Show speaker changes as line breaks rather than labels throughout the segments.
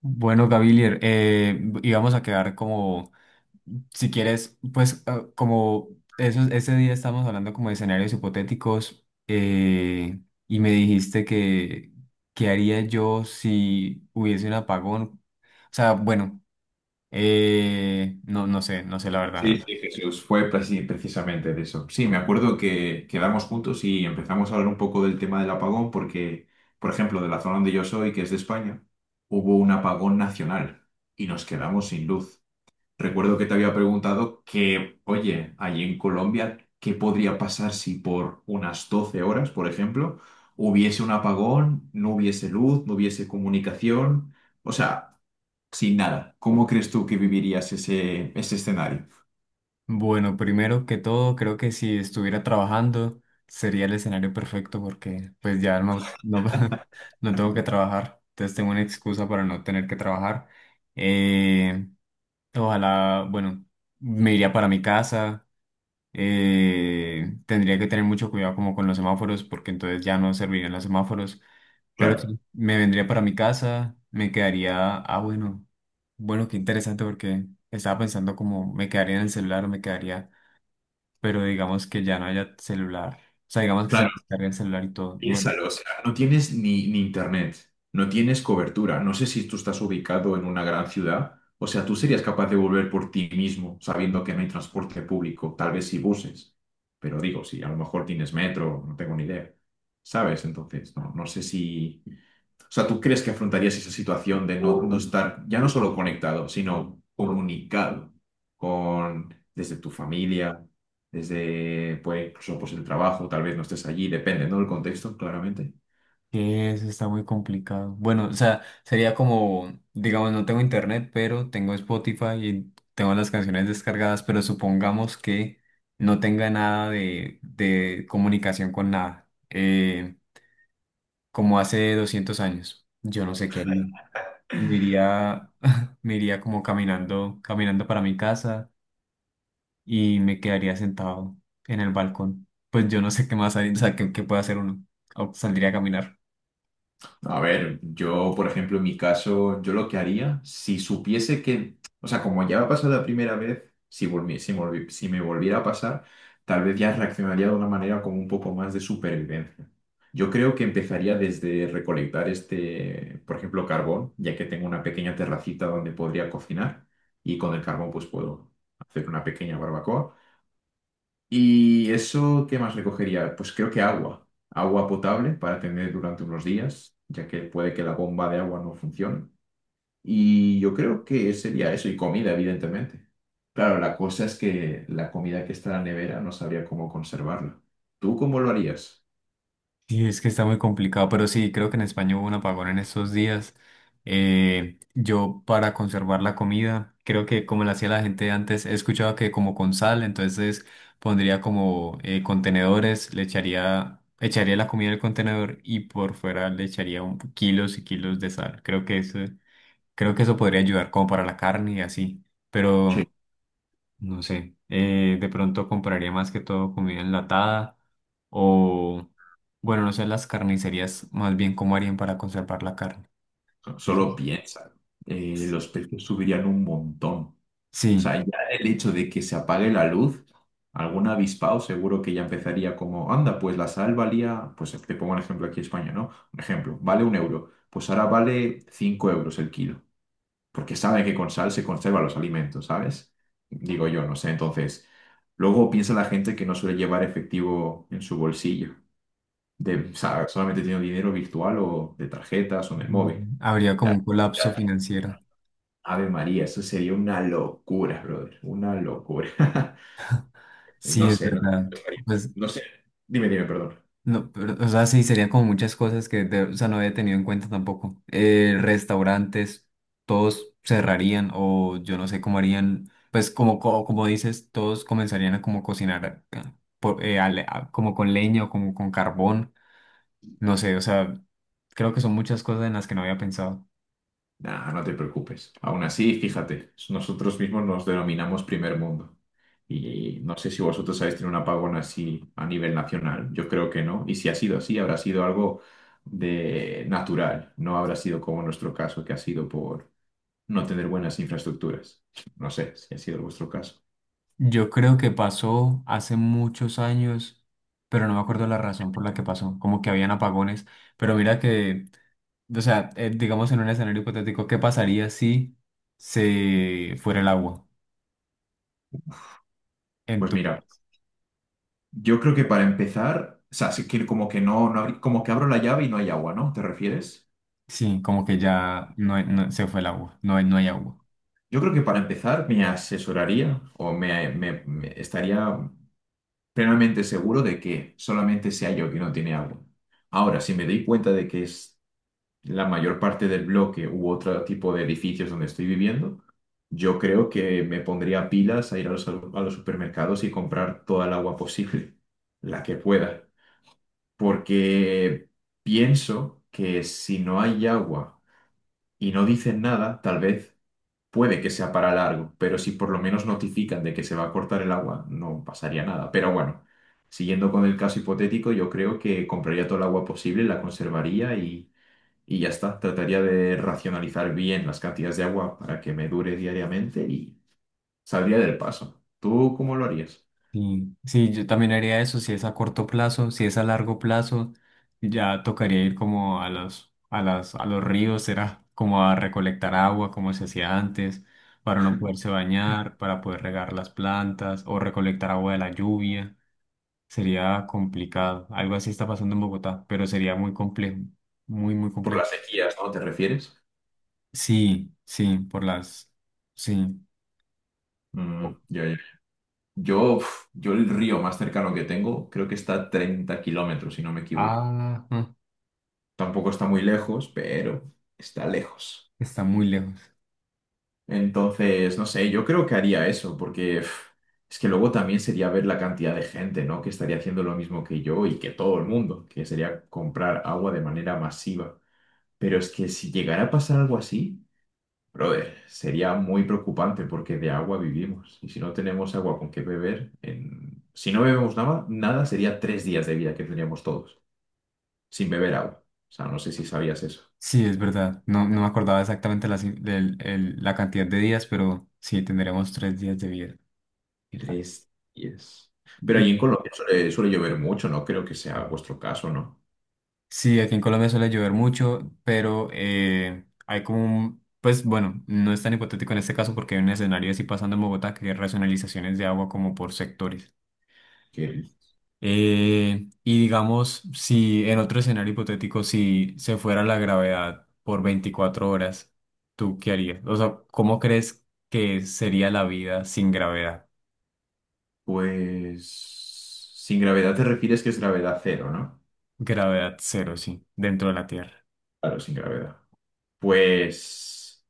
Bueno, Gavilier, íbamos a quedar como, si quieres, como ese día estábamos hablando como de escenarios hipotéticos y me dijiste que, ¿qué haría yo si hubiese un apagón? O sea, bueno, no sé, no sé la
Sí,
verdad.
sí, Jesús, fue precisamente de eso. Sí, me acuerdo que quedamos juntos y empezamos a hablar un poco del tema del apagón porque, por ejemplo, de la zona donde yo soy, que es de España, hubo un apagón nacional y nos quedamos sin luz. Recuerdo que te había preguntado que, oye, allí en Colombia, ¿qué podría pasar si por unas 12 horas, por ejemplo, hubiese un apagón, no hubiese luz, no hubiese comunicación? O sea, sin nada. ¿Cómo crees tú que vivirías ese escenario?
Bueno, primero que todo, creo que si estuviera trabajando sería el escenario perfecto porque pues no tengo que trabajar, entonces tengo una excusa para no tener que trabajar. Eh, ojalá, bueno, me iría para mi casa, tendría que tener mucho cuidado como con los semáforos porque entonces ya no servirían los semáforos, pero
Claro.
sí, me vendría para mi casa, me quedaría, bueno, bueno, qué interesante porque estaba pensando como me quedaría en el celular o me quedaría pero digamos que ya no haya celular. O sea, digamos que se
Claro,
nos cargue el celular y todo. Bueno,
piénsalo, o sea, no tienes ni internet, no tienes cobertura, no sé si tú estás ubicado en una gran ciudad, o sea, tú serías capaz de volver por ti mismo sabiendo que no hay transporte público, tal vez si buses, pero digo, si a lo mejor tienes metro, no tengo ni idea, ¿sabes? Entonces, no, no sé si o sea, ¿tú crees que afrontarías esa situación de no estar ya no solo conectado, sino comunicado con desde tu familia, desde pues, incluso pues, el trabajo, tal vez no estés allí, depende, ¿no? Del contexto, claramente.
que eso está muy complicado. Bueno, o sea, sería como, digamos, no tengo internet, pero tengo Spotify y tengo las canciones descargadas, pero supongamos que no tenga nada de comunicación con nada, como hace 200 años. Yo no sé qué haría. Me iría, me iría como caminando, caminando para mi casa y me quedaría sentado en el balcón. Pues yo no sé qué más hay, o sea, qué puede hacer uno. O saldría a caminar.
No, a ver, yo, por ejemplo, en mi caso, yo lo que haría, si supiese que, o sea, como ya me ha pasado la primera vez, si me volviera a pasar, tal vez ya reaccionaría de una manera como un poco más de supervivencia. Yo creo que empezaría desde recolectar este, por ejemplo, carbón, ya que tengo una pequeña terracita donde podría cocinar y con el carbón pues puedo hacer una pequeña barbacoa. ¿Y eso qué más recogería? Pues creo que agua. Agua potable para tener durante unos días, ya que puede que la bomba de agua no funcione. Y yo creo que sería eso, y comida, evidentemente. Claro, la cosa es que la comida que está en la nevera no sabría cómo conservarla. ¿Tú cómo lo harías?
Sí, es que está muy complicado, pero sí, creo que en España hubo un apagón en estos días. Yo para conservar la comida, creo que como la hacía la gente antes, he escuchado que como con sal, entonces pondría como contenedores, echaría la comida en el contenedor y por fuera le echaría un, kilos y kilos de sal. Creo que eso podría ayudar como para la carne y así. Pero
Sí.
no sé, de pronto compraría más que todo comida enlatada o, bueno, no sé, las carnicerías más bien cómo harían para conservar la carne. Es-
Solo piensa. Los precios subirían un montón. O sea,
Sí.
ya el hecho de que se apague la luz, algún avispado seguro que ya empezaría como, anda, pues la sal valía, pues te pongo un ejemplo aquí en España, ¿no? Un ejemplo, vale un euro, pues ahora vale cinco euros el kilo, porque saben que con sal se conservan los alimentos, ¿sabes? Digo yo, no sé, entonces, luego piensa la gente que no suele llevar efectivo en su bolsillo, de, o sea, solamente tiene dinero virtual o de tarjetas o en el móvil.
Mm, habría como un colapso financiero.
Ave María, eso sería una locura, brother, una locura.
Sí,
No
es
sé, no,
verdad. Pues
no sé. Dime, perdón.
no, pero, o sea, sí, serían como muchas cosas o sea, no había tenido en cuenta tampoco. Restaurantes, todos cerrarían o yo no sé cómo harían, pues como, como, dices, todos comenzarían a como cocinar como con leña o como con carbón, no sé, o sea, creo que son muchas cosas en las que no había pensado.
Nah, no te preocupes. Aún así, fíjate, nosotros mismos nos denominamos primer mundo. Y no sé si vosotros habéis tenido un apagón así a nivel nacional. Yo creo que no. Y si ha sido así, habrá sido algo de natural. No habrá sido como nuestro caso, que ha sido por no tener buenas infraestructuras. No sé si ha sido vuestro caso.
Yo creo que pasó hace muchos años, pero no me acuerdo la razón por la que pasó, como que habían apagones, pero mira que... O sea, digamos en un escenario hipotético, ¿qué pasaría si se fuera el agua en
Pues
tu
mira,
país?
yo creo que para empezar, o sea, sí que como que no, como que abro la llave y no hay agua, ¿no? ¿Te refieres?
Sí, como que ya no, se fue el agua, no hay agua.
Yo creo que para empezar me asesoraría o me estaría plenamente seguro de que solamente sea yo que no tiene agua. Ahora, si me doy cuenta de que es la mayor parte del bloque u otro tipo de edificios donde estoy viviendo, yo creo que me pondría pilas a ir a los supermercados y comprar toda el agua posible, la que pueda. Porque pienso que si no hay agua y no dicen nada, tal vez puede que sea para largo, pero si por lo menos notifican de que se va a cortar el agua, no pasaría nada. Pero bueno, siguiendo con el caso hipotético, yo creo que compraría todo el agua posible, la conservaría y ya está. Trataría de racionalizar bien las cantidades de agua para que me dure diariamente y saldría del paso. ¿Tú cómo lo harías?
Sí, sí, yo también haría eso, si es a corto plazo, si es a largo plazo, ya tocaría ir como a los, a los ríos, será como a recolectar agua como se hacía antes, para no poderse bañar, para poder regar las plantas o recolectar agua de la lluvia. Sería complicado. Algo así está pasando en Bogotá, pero sería muy complejo. Muy, muy
Por
complejo.
las sequías, ¿no? ¿Te refieres?
Sí, sí, por las... Sí.
Mm, ya, ya. Yo, uf, yo el río más cercano que tengo creo que está a 30 kilómetros, si no me equivoco.
Ah, mm,
Tampoco está muy lejos, pero está lejos.
está muy lejos.
Entonces, no sé, yo creo que haría eso, porque pf, es que luego también sería ver la cantidad de gente, ¿no? Que estaría haciendo lo mismo que yo y que todo el mundo, que sería comprar agua de manera masiva. Pero es que si llegara a pasar algo así, brother, sería muy preocupante porque de agua vivimos. Y si no tenemos agua con qué beber, en- si no bebemos nada, nada sería 3 días de vida que tendríamos todos, sin beber agua. O sea, no sé si sabías eso.
Sí, es verdad. No, no me acordaba exactamente la, ci- del- el- la cantidad de días, pero sí, tendremos 3 días de vida. Y
Tres días. Pero
y-
allí en Colombia suele llover mucho, no creo que sea vuestro caso, ¿no?
sí, aquí en Colombia suele llover mucho, pero hay como un... Pues bueno, no es tan hipotético en este caso porque hay un escenario así pasando en Bogotá que hay racionalizaciones de agua como por sectores.
Que,
Y digamos, si en otro escenario hipotético, si se fuera la gravedad por 24 horas, ¿tú qué harías? O sea, ¿cómo crees que sería la vida sin gravedad?
pues, sin gravedad te refieres que es gravedad cero, ¿no?
Gravedad cero, sí, dentro de la Tierra.
Claro, sin gravedad. Pues,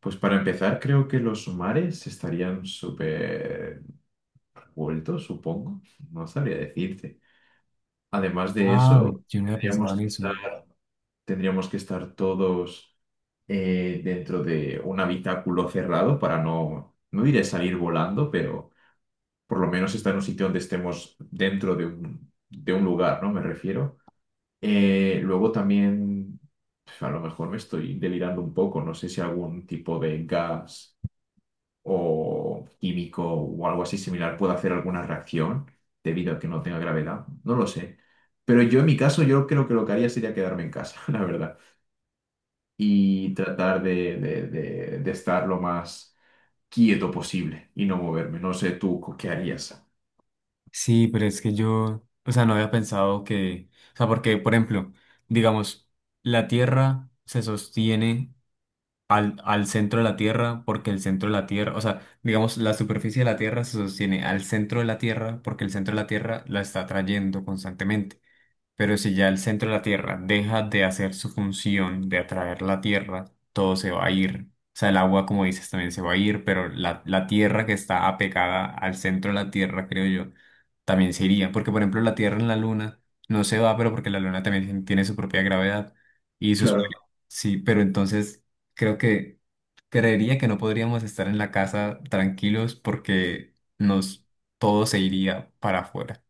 pues para empezar, creo que los mares estarían súper revueltos, supongo. No sabría decirte. Además de
Ah,
eso,
yo no había pensado en eso.
tendríamos que estar todos dentro de un habitáculo cerrado para no, no diré salir volando, pero por lo menos estar en un sitio donde estemos dentro de un lugar, ¿no? Me refiero. Luego también, pf, a lo mejor me estoy delirando un poco, no sé si algún tipo de gas o químico o algo así similar puede hacer alguna reacción debido a que no tenga gravedad, no lo sé. Pero yo en mi caso, yo creo que lo que haría sería quedarme en casa, la verdad, y tratar de estar lo más quieto posible y no moverme. No sé tú qué harías.
Sí, pero es que yo, o sea, no había pensado que, o sea, porque, por ejemplo, digamos, la Tierra se sostiene al centro de la Tierra, porque el centro de la Tierra, o sea, digamos, la superficie de la Tierra se sostiene al centro de la Tierra, porque el centro de la Tierra la está atrayendo constantemente. Pero si ya el centro de la Tierra deja de hacer su función de atraer la Tierra, todo se va a ir. O sea, el agua, como dices, también se va a ir, pero la Tierra que está apegada al centro de la Tierra, creo yo, también se iría. Porque, por ejemplo, la Tierra en la Luna no se va, pero porque la Luna también tiene su propia gravedad. Y sus...
Claro,
Sí, pero entonces creo que creería que no podríamos estar en la casa tranquilos porque nos todo se iría para afuera.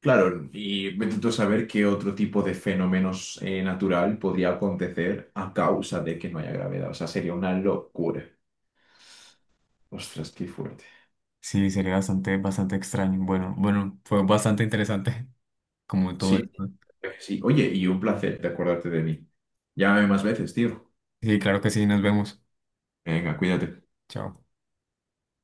Claro, y me intento saber qué otro tipo de fenómenos natural podría acontecer a causa de que no haya gravedad. O sea, sería una locura. Ostras, qué fuerte.
Sí, sería bastante, bastante extraño. Bueno, bueno, fue bastante interesante como todo
Sí,
esto.
sí. Oye, y un placer de acordarte de mí. Llámame más veces, tío.
Sí, claro que sí, nos vemos.
Venga, cuídate.
Chao.